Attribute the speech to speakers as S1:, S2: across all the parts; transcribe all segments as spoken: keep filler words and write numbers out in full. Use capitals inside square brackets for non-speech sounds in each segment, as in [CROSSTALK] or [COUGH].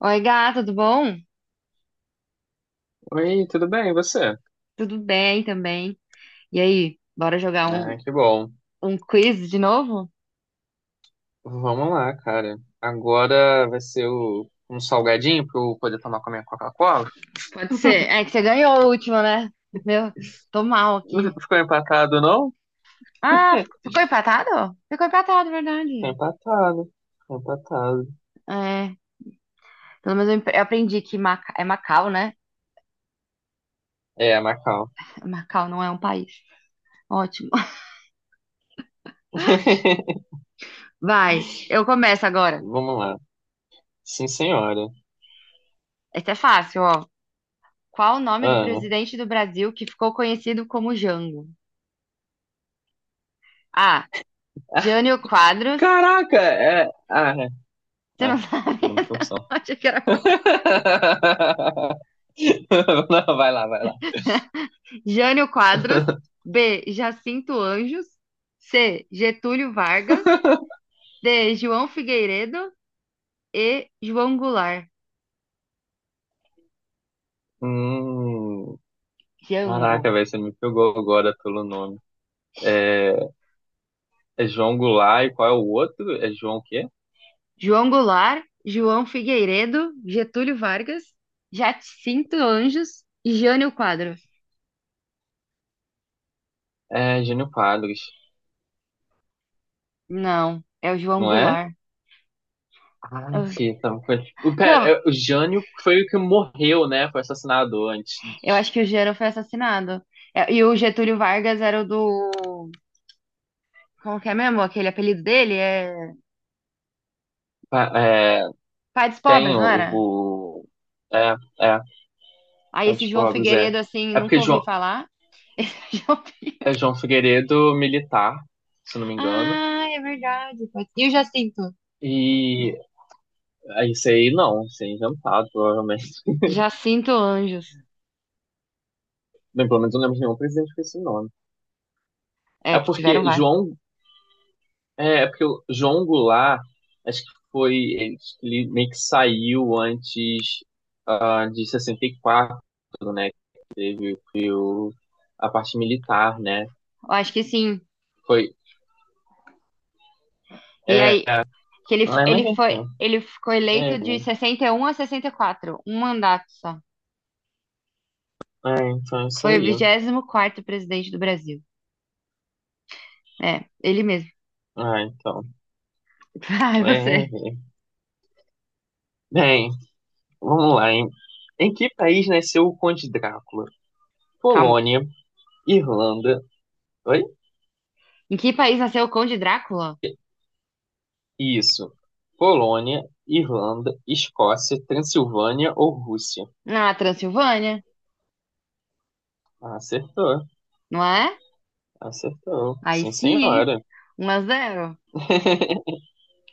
S1: Oi, gato, tudo bom?
S2: Oi, tudo bem? E você?
S1: Tudo bem também. E aí, bora jogar
S2: Ah,
S1: um,
S2: que bom.
S1: um quiz de novo?
S2: Vamos lá, cara. Agora vai ser o, um salgadinho pra eu poder tomar com a minha Coca-Cola?
S1: Pode ser. É que você ganhou o último, né? Meu, tô mal
S2: Não,
S1: aqui.
S2: ficou empatado, não?
S1: Ah, ficou empatado? Ficou empatado,
S2: Ficou
S1: verdade.
S2: empatado. Ficou empatado.
S1: É, pelo menos eu empe- eu aprendi que Maca- é Macau, né?
S2: É, Macau.
S1: Macau não é um país. Ótimo.
S2: [LAUGHS]
S1: [LAUGHS] Vai, eu começo agora.
S2: Vamos lá. Sim, senhora.
S1: Esse é fácil, ó. Qual o nome do
S2: Ah,
S1: presidente do Brasil que ficou conhecido como Jango? A. Jânio Quadros.
S2: caraca! É, ah, é.
S1: Você
S2: Ah,
S1: não sabe?
S2: dando
S1: [LAUGHS]
S2: confusão. [LAUGHS]
S1: Acho que
S2: Não, vai lá, vai lá.
S1: Jânio Quadros. B. Jacinto Anjos. C. Getúlio Vargas.
S2: [LAUGHS]
S1: D. João Figueiredo e João Goulart.
S2: Hum,
S1: Jango.
S2: Caraca, velho, você me pegou agora pelo nome. É, é João Goulart e qual é o outro? É João o quê?
S1: João Goulart, João Figueiredo, Getúlio Vargas, Jacinto Anjos e Jânio Quadros.
S2: É Jânio Quadros,
S1: Não, é o João
S2: não é?
S1: Goulart.
S2: Ah,
S1: Ah,
S2: sim, tava com- o, pera,
S1: não,
S2: é, o Jânio foi o que morreu, né? Foi assassinado antes.
S1: eu acho que o Jânio foi assassinado. É, e o Getúlio Vargas era o do. Como que é mesmo? Aquele apelido dele? É
S2: Pa- É,
S1: Pai dos Pobres,
S2: tem o,
S1: não era?
S2: o- É, é,
S1: Aí
S2: Pai
S1: esse
S2: de
S1: João
S2: Pobres, é.
S1: Figueiredo, assim,
S2: É
S1: nunca
S2: porque
S1: ouvi
S2: João,
S1: falar. [LAUGHS]
S2: é João Figueiredo militar, se não me engano.
S1: Ah, é verdade. pode- E o Jacinto?
S2: E é, isso aí não, isso aí é inventado, provavelmente.
S1: Jacinto Anjos.
S2: Bem, pelo menos eu não lembro de nenhum presidente com esse nome.
S1: É,
S2: É
S1: que tiveram
S2: porque
S1: vários.
S2: João É, é porque o João Goulart, acho que foi, ele, ele meio que saiu antes, ah, de sessenta e quatro, né? Que o, a parte militar, né?
S1: Eu acho que sim.
S2: Foi.
S1: E
S2: É,
S1: aí,
S2: é,
S1: que ele, f-
S2: mas
S1: ele foi,
S2: enfim.
S1: ele ficou
S2: É,
S1: eleito de
S2: né?
S1: sessenta e um a sessenta e quatro, um mandato só.
S2: é, então é isso
S1: Foi o
S2: aí.
S1: vigésimo quarto presidente do Brasil. É, ele mesmo.
S2: Ah, então.
S1: [LAUGHS] Ai,
S2: É, é,
S1: você.
S2: é. Bem, vamos lá, hein? Em que país nasceu o Conde Drácula?
S1: Calma.
S2: Polônia, Irlanda. Oi?
S1: Em que país nasceu o Conde Drácula?
S2: Isso. Polônia, Irlanda, Escócia, Transilvânia ou Rússia?
S1: Na Transilvânia,
S2: Ah, acertou.
S1: não é?
S2: Acertou.
S1: Aí
S2: Sim,
S1: sim, hein?
S2: senhora.
S1: Um a zero.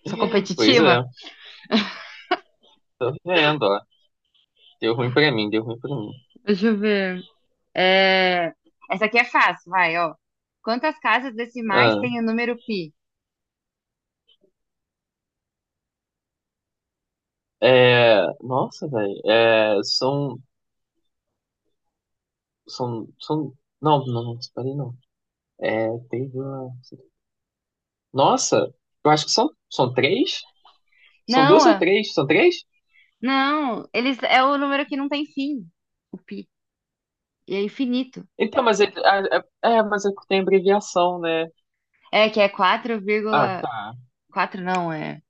S1: Sou
S2: Pois é.
S1: competitiva.
S2: Tô vendo, ó. Deu ruim pra mim, deu ruim pra mim.
S1: Deixa eu ver. É, essa aqui é fácil, vai, ó. Quantas casas decimais
S2: Ah,
S1: tem o número pi?
S2: é... Nossa, velho. É... São... São... São... Não, não, não, parei não. É... Teve uma... Nossa, eu acho que são... são três? São
S1: Não,
S2: duas ou
S1: ah,
S2: três? São três?
S1: não, eles é o número que não tem fim, o pi. E é infinito.
S2: Então, mas é... É, é, é, mas é que tem abreviação, né?
S1: É que é quatro
S2: Ah,
S1: vírgula
S2: tá.
S1: quatro não, é,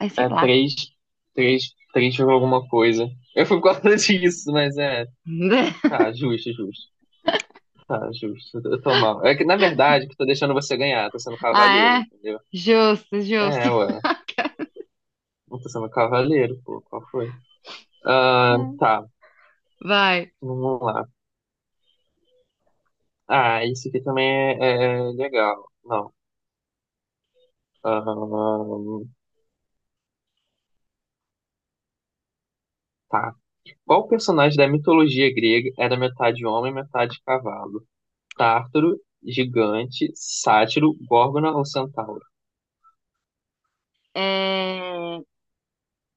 S1: é sei
S2: É
S1: lá.
S2: três... Três... Três por alguma coisa. Eu fui por causa [LAUGHS] disso, mas é...
S1: [LAUGHS]
S2: Tá, justo, justo. Tá, justo. Eu tô mal. É que, na verdade, que eu tô deixando você ganhar. Tô sendo cavaleiro,
S1: Ah, é?
S2: entendeu?
S1: Justo, justo.
S2: É, ué. Não tô sendo cavaleiro, pô. Qual foi? Ah,
S1: Hum.
S2: tá.
S1: Vai.
S2: Vamos lá. Ah, isso aqui também é, é é legal. Não. Ah, tá. Qual personagem da mitologia grega era metade homem, metade cavalo? Tártaro, gigante, sátiro, górgona ou centauro?
S1: É...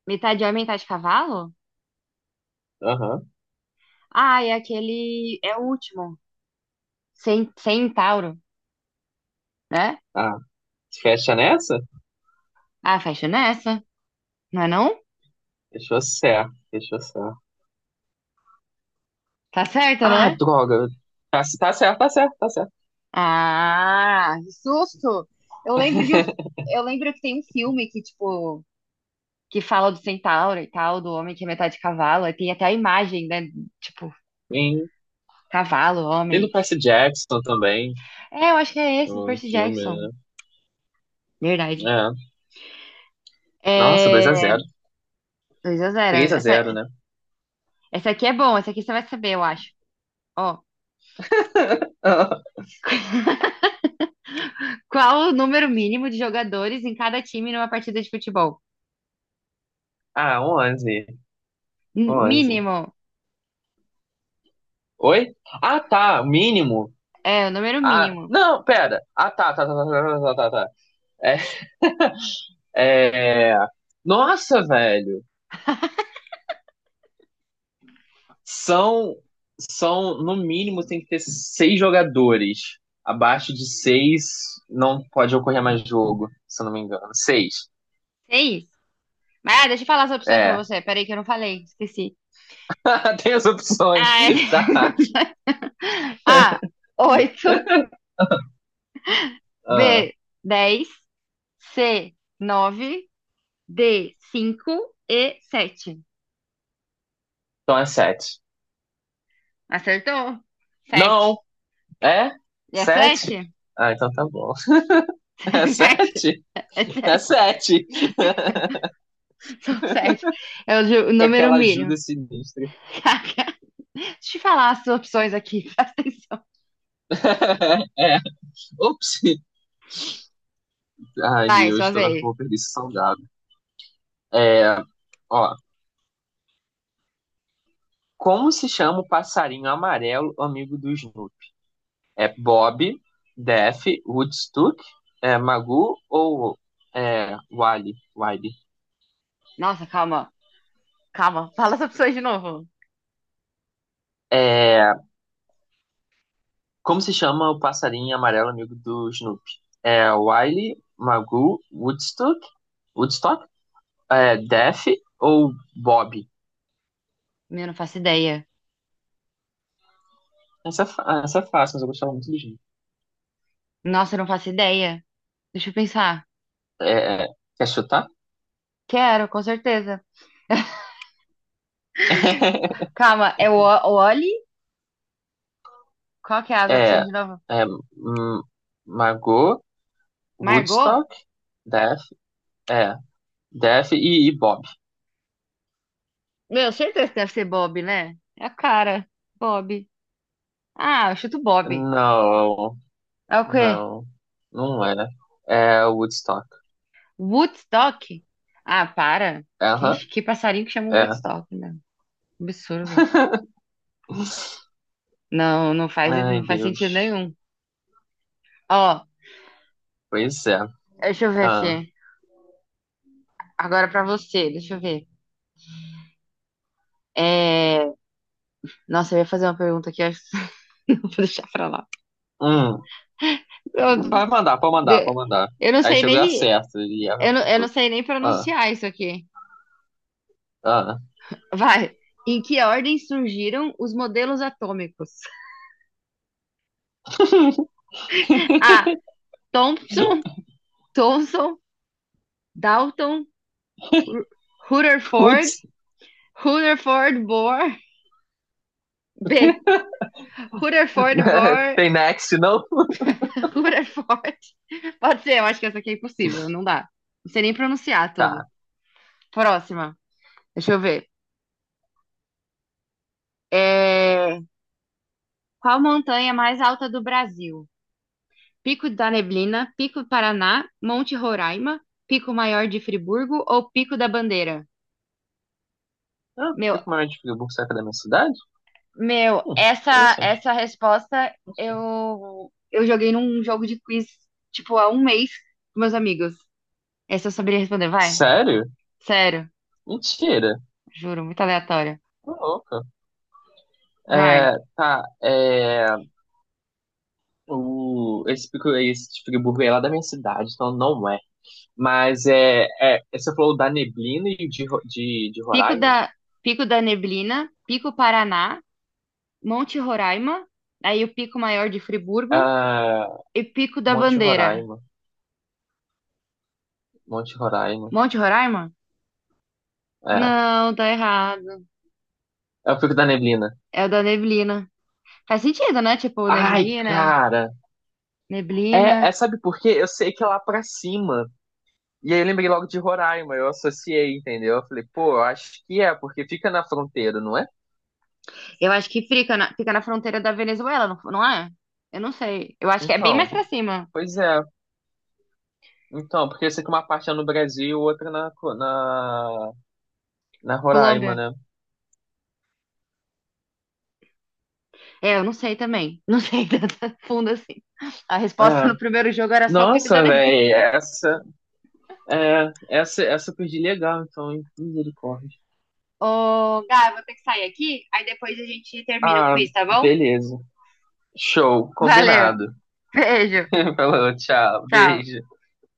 S1: Metade homem, metade cavalo?
S2: Aham.
S1: Ah, é aquele. É o último. Cen- Centauro, né?
S2: Ah, fecha nessa?
S1: Ah, fecha nessa. Não é não?
S2: Fechou certo. Fechou certo.
S1: Tá certo,
S2: Ah,
S1: né?
S2: droga. Tá, tá certo, tá certo, tá certo.
S1: Ah, que susto! Eu lembro de um, eu lembro que tem um filme que tipo que fala do centauro e tal, do homem que é metade cavalo, aí tem até a imagem, né, tipo
S2: Sim.
S1: cavalo,
S2: Tem
S1: homem.
S2: do Percy Jackson também,
S1: É, eu acho que é esse, do
S2: no, no
S1: Percy
S2: filme,
S1: Jackson. Verdade.
S2: né? É. Nossa, dois a
S1: É,
S2: zero
S1: dois a zero.
S2: 3 a
S1: Essa,
S2: zero né?
S1: essa aqui é bom, essa aqui você vai saber, eu acho. Ó,
S2: [LAUGHS]
S1: qual o número mínimo de jogadores em cada time numa partida de futebol?
S2: Ah, onze
S1: N-
S2: onze
S1: Mínimo.
S2: Oi? Ah, tá. Mínimo.
S1: É, o número
S2: Ah,
S1: mínimo.
S2: não, pera. Ah, tá, tá, tá, tá, tá, tá, tá, tá. É. Nossa, velho. São, são, no mínimo, tem que ter seis jogadores. Abaixo de seis, não pode ocorrer mais jogo, se eu não me engano. Seis.
S1: Seis. Mas ah, deixa eu falar as opções pra
S2: É.
S1: você. Peraí que eu não falei, esqueci.
S2: [LAUGHS] Tem as opções.
S1: [LAUGHS]
S2: Tá.
S1: A, oito.
S2: Ah,
S1: B, dez. C, nove. D, cinco e sete.
S2: então é sete.
S1: Acertou? Sete.
S2: Não, é?
S1: É sete.
S2: Sete? Ah, então tá bom. [LAUGHS] É
S1: [LAUGHS] É sete.
S2: sete?
S1: É
S2: É
S1: sete.
S2: sete. [LAUGHS]
S1: São sete. É o, o
S2: Com
S1: número
S2: aquela
S1: mínimo.
S2: ajuda sinistra.
S1: [LAUGHS] Caraca. Deixa eu falar as opções aqui, [LAUGHS] presta atenção.
S2: [LAUGHS] É. Ops. Ai,
S1: Vai,
S2: Deus,
S1: sua
S2: tô vendo que
S1: vez.
S2: eu vou perder esse salgado. É, ó. Como se chama o passarinho amarelo amigo do Snoopy? É Bob, Def, Woodstock, é Magoo ou é Wally? Wally.
S1: Nossa, calma. Calma, fala as opções de novo.
S2: É, como se chama o passarinho amarelo amigo do Snoopy? É Wiley, Magoo, Woodstock, Woodstock, é, Def ou Bob?
S1: Meu, não faço ideia.
S2: Essa, é fa- essa é fácil, mas eu gostava muito do Snoopy.
S1: Nossa, eu não faço ideia. Deixa eu pensar.
S2: É, quer chutar?
S1: Quero, com certeza.
S2: [LAUGHS]
S1: Calma, é o o Oli? Qual que é as opções
S2: É,
S1: de novo?
S2: é hum, Magoo,
S1: Margot?
S2: Woodstock, Def, é, Def e, e Bob.
S1: Meu, certeza que deve ser Bob, né? É a cara. Bob. Ah, eu chuto Bob.
S2: Não,
S1: É o quê?
S2: não, não era. É Woodstock.
S1: Woodstock? Ah, para. Quem,
S2: Aham,
S1: que passarinho que chama
S2: é.
S1: Woodstock, né? Absurdo.
S2: [LAUGHS]
S1: Não, não faz,
S2: Ai,
S1: não faz sentido
S2: Deus.
S1: nenhum. Ó,
S2: Pois é.
S1: deixa eu ver
S2: Ah.
S1: aqui. Agora pra você, deixa eu ver. É... Nossa, eu ia fazer uma pergunta aqui, acho que [LAUGHS] vou deixar pra lá.
S2: Hum,
S1: Eu,
S2: Vai mandar, pode mandar,
S1: de-
S2: pode mandar.
S1: eu não
S2: Aí
S1: sei
S2: chegou a
S1: nem,
S2: acerta. E ela
S1: eu não, eu não
S2: falou,
S1: sei nem
S2: ah,
S1: pronunciar isso aqui.
S2: ah.
S1: Vai. Em que ordem surgiram os modelos atômicos?
S2: [LAUGHS]
S1: [LAUGHS] A. Thomson, Thomson, Dalton, Ru- Rutherford,
S2: Putz,
S1: Rutherford Bohr. B. Rutherford
S2: né?
S1: Bohr,
S2: Tem next, não?
S1: [LAUGHS] Rutherford. Pode ser, eu acho que essa aqui é impossível, não dá. Não sei nem pronunciar tudo.
S2: Tá.
S1: Próxima. Deixa eu ver. É, qual montanha é mais alta do Brasil? Pico da Neblina, Pico do Paraná, Monte Roraima, Pico Maior de Friburgo ou Pico da Bandeira?
S2: Ah,
S1: Meu,
S2: por que o maior de Friburgo saca da minha cidade?
S1: Meu,
S2: Hum,
S1: essa
S2: Interessante.
S1: essa resposta
S2: Não sei.
S1: eu eu joguei num jogo de quiz, tipo, há um mês com meus amigos. Essa eu saberia responder, vai.
S2: Sério?
S1: Sério,
S2: Mentira.
S1: juro, muito aleatória.
S2: Tô louca.
S1: Vai.
S2: É, tá. é, o, esse pico, esse tipo de Friburgo é lá da minha cidade, então não é. Mas é, é, você falou da Neblina e de, Ro- de, de
S1: Pico
S2: Roraima?
S1: da Pico da Neblina, Pico Paraná, Monte Roraima, aí o Pico Maior de Friburgo
S2: Ah,
S1: e Pico da
S2: Monte
S1: Bandeira.
S2: Roraima. Monte Roraima.
S1: Monte Roraima?
S2: É.
S1: Não, tá errado.
S2: É o Pico da Neblina.
S1: É o da Neblina. Faz sentido, né? Tipo,
S2: Ai,
S1: neblina,
S2: cara.
S1: neblina.
S2: É, é, sabe por quê? Eu sei que é lá pra cima. E aí eu lembrei logo de Roraima, eu associei, entendeu? Eu falei, pô, eu acho que é, porque fica na fronteira, não é?
S1: Eu acho que fica na, fica na fronteira da Venezuela, não, não é? Eu não sei. Eu acho que é bem mais
S2: Então,
S1: pra cima.
S2: pois é. Então, porque eu sei que uma parte é no Brasil, outra na, na, na Roraima,
S1: Colômbia.
S2: né?
S1: É, eu não sei também. Não sei [LAUGHS] tanto fundo assim. A
S2: É.
S1: resposta no primeiro jogo era só o Pico da
S2: Nossa,
S1: Neblina.
S2: velho, essa, é, essa, essa eu perdi legal, então, hein? Misericórdia.
S1: Ô, Gá, eu vou ter que sair aqui, aí depois a gente termina o
S2: Ah,
S1: quiz, tá bom?
S2: beleza. Show,
S1: Valeu.
S2: combinado.
S1: Beijo.
S2: [LAUGHS] Falou, tchau,
S1: Tchau.
S2: beijo.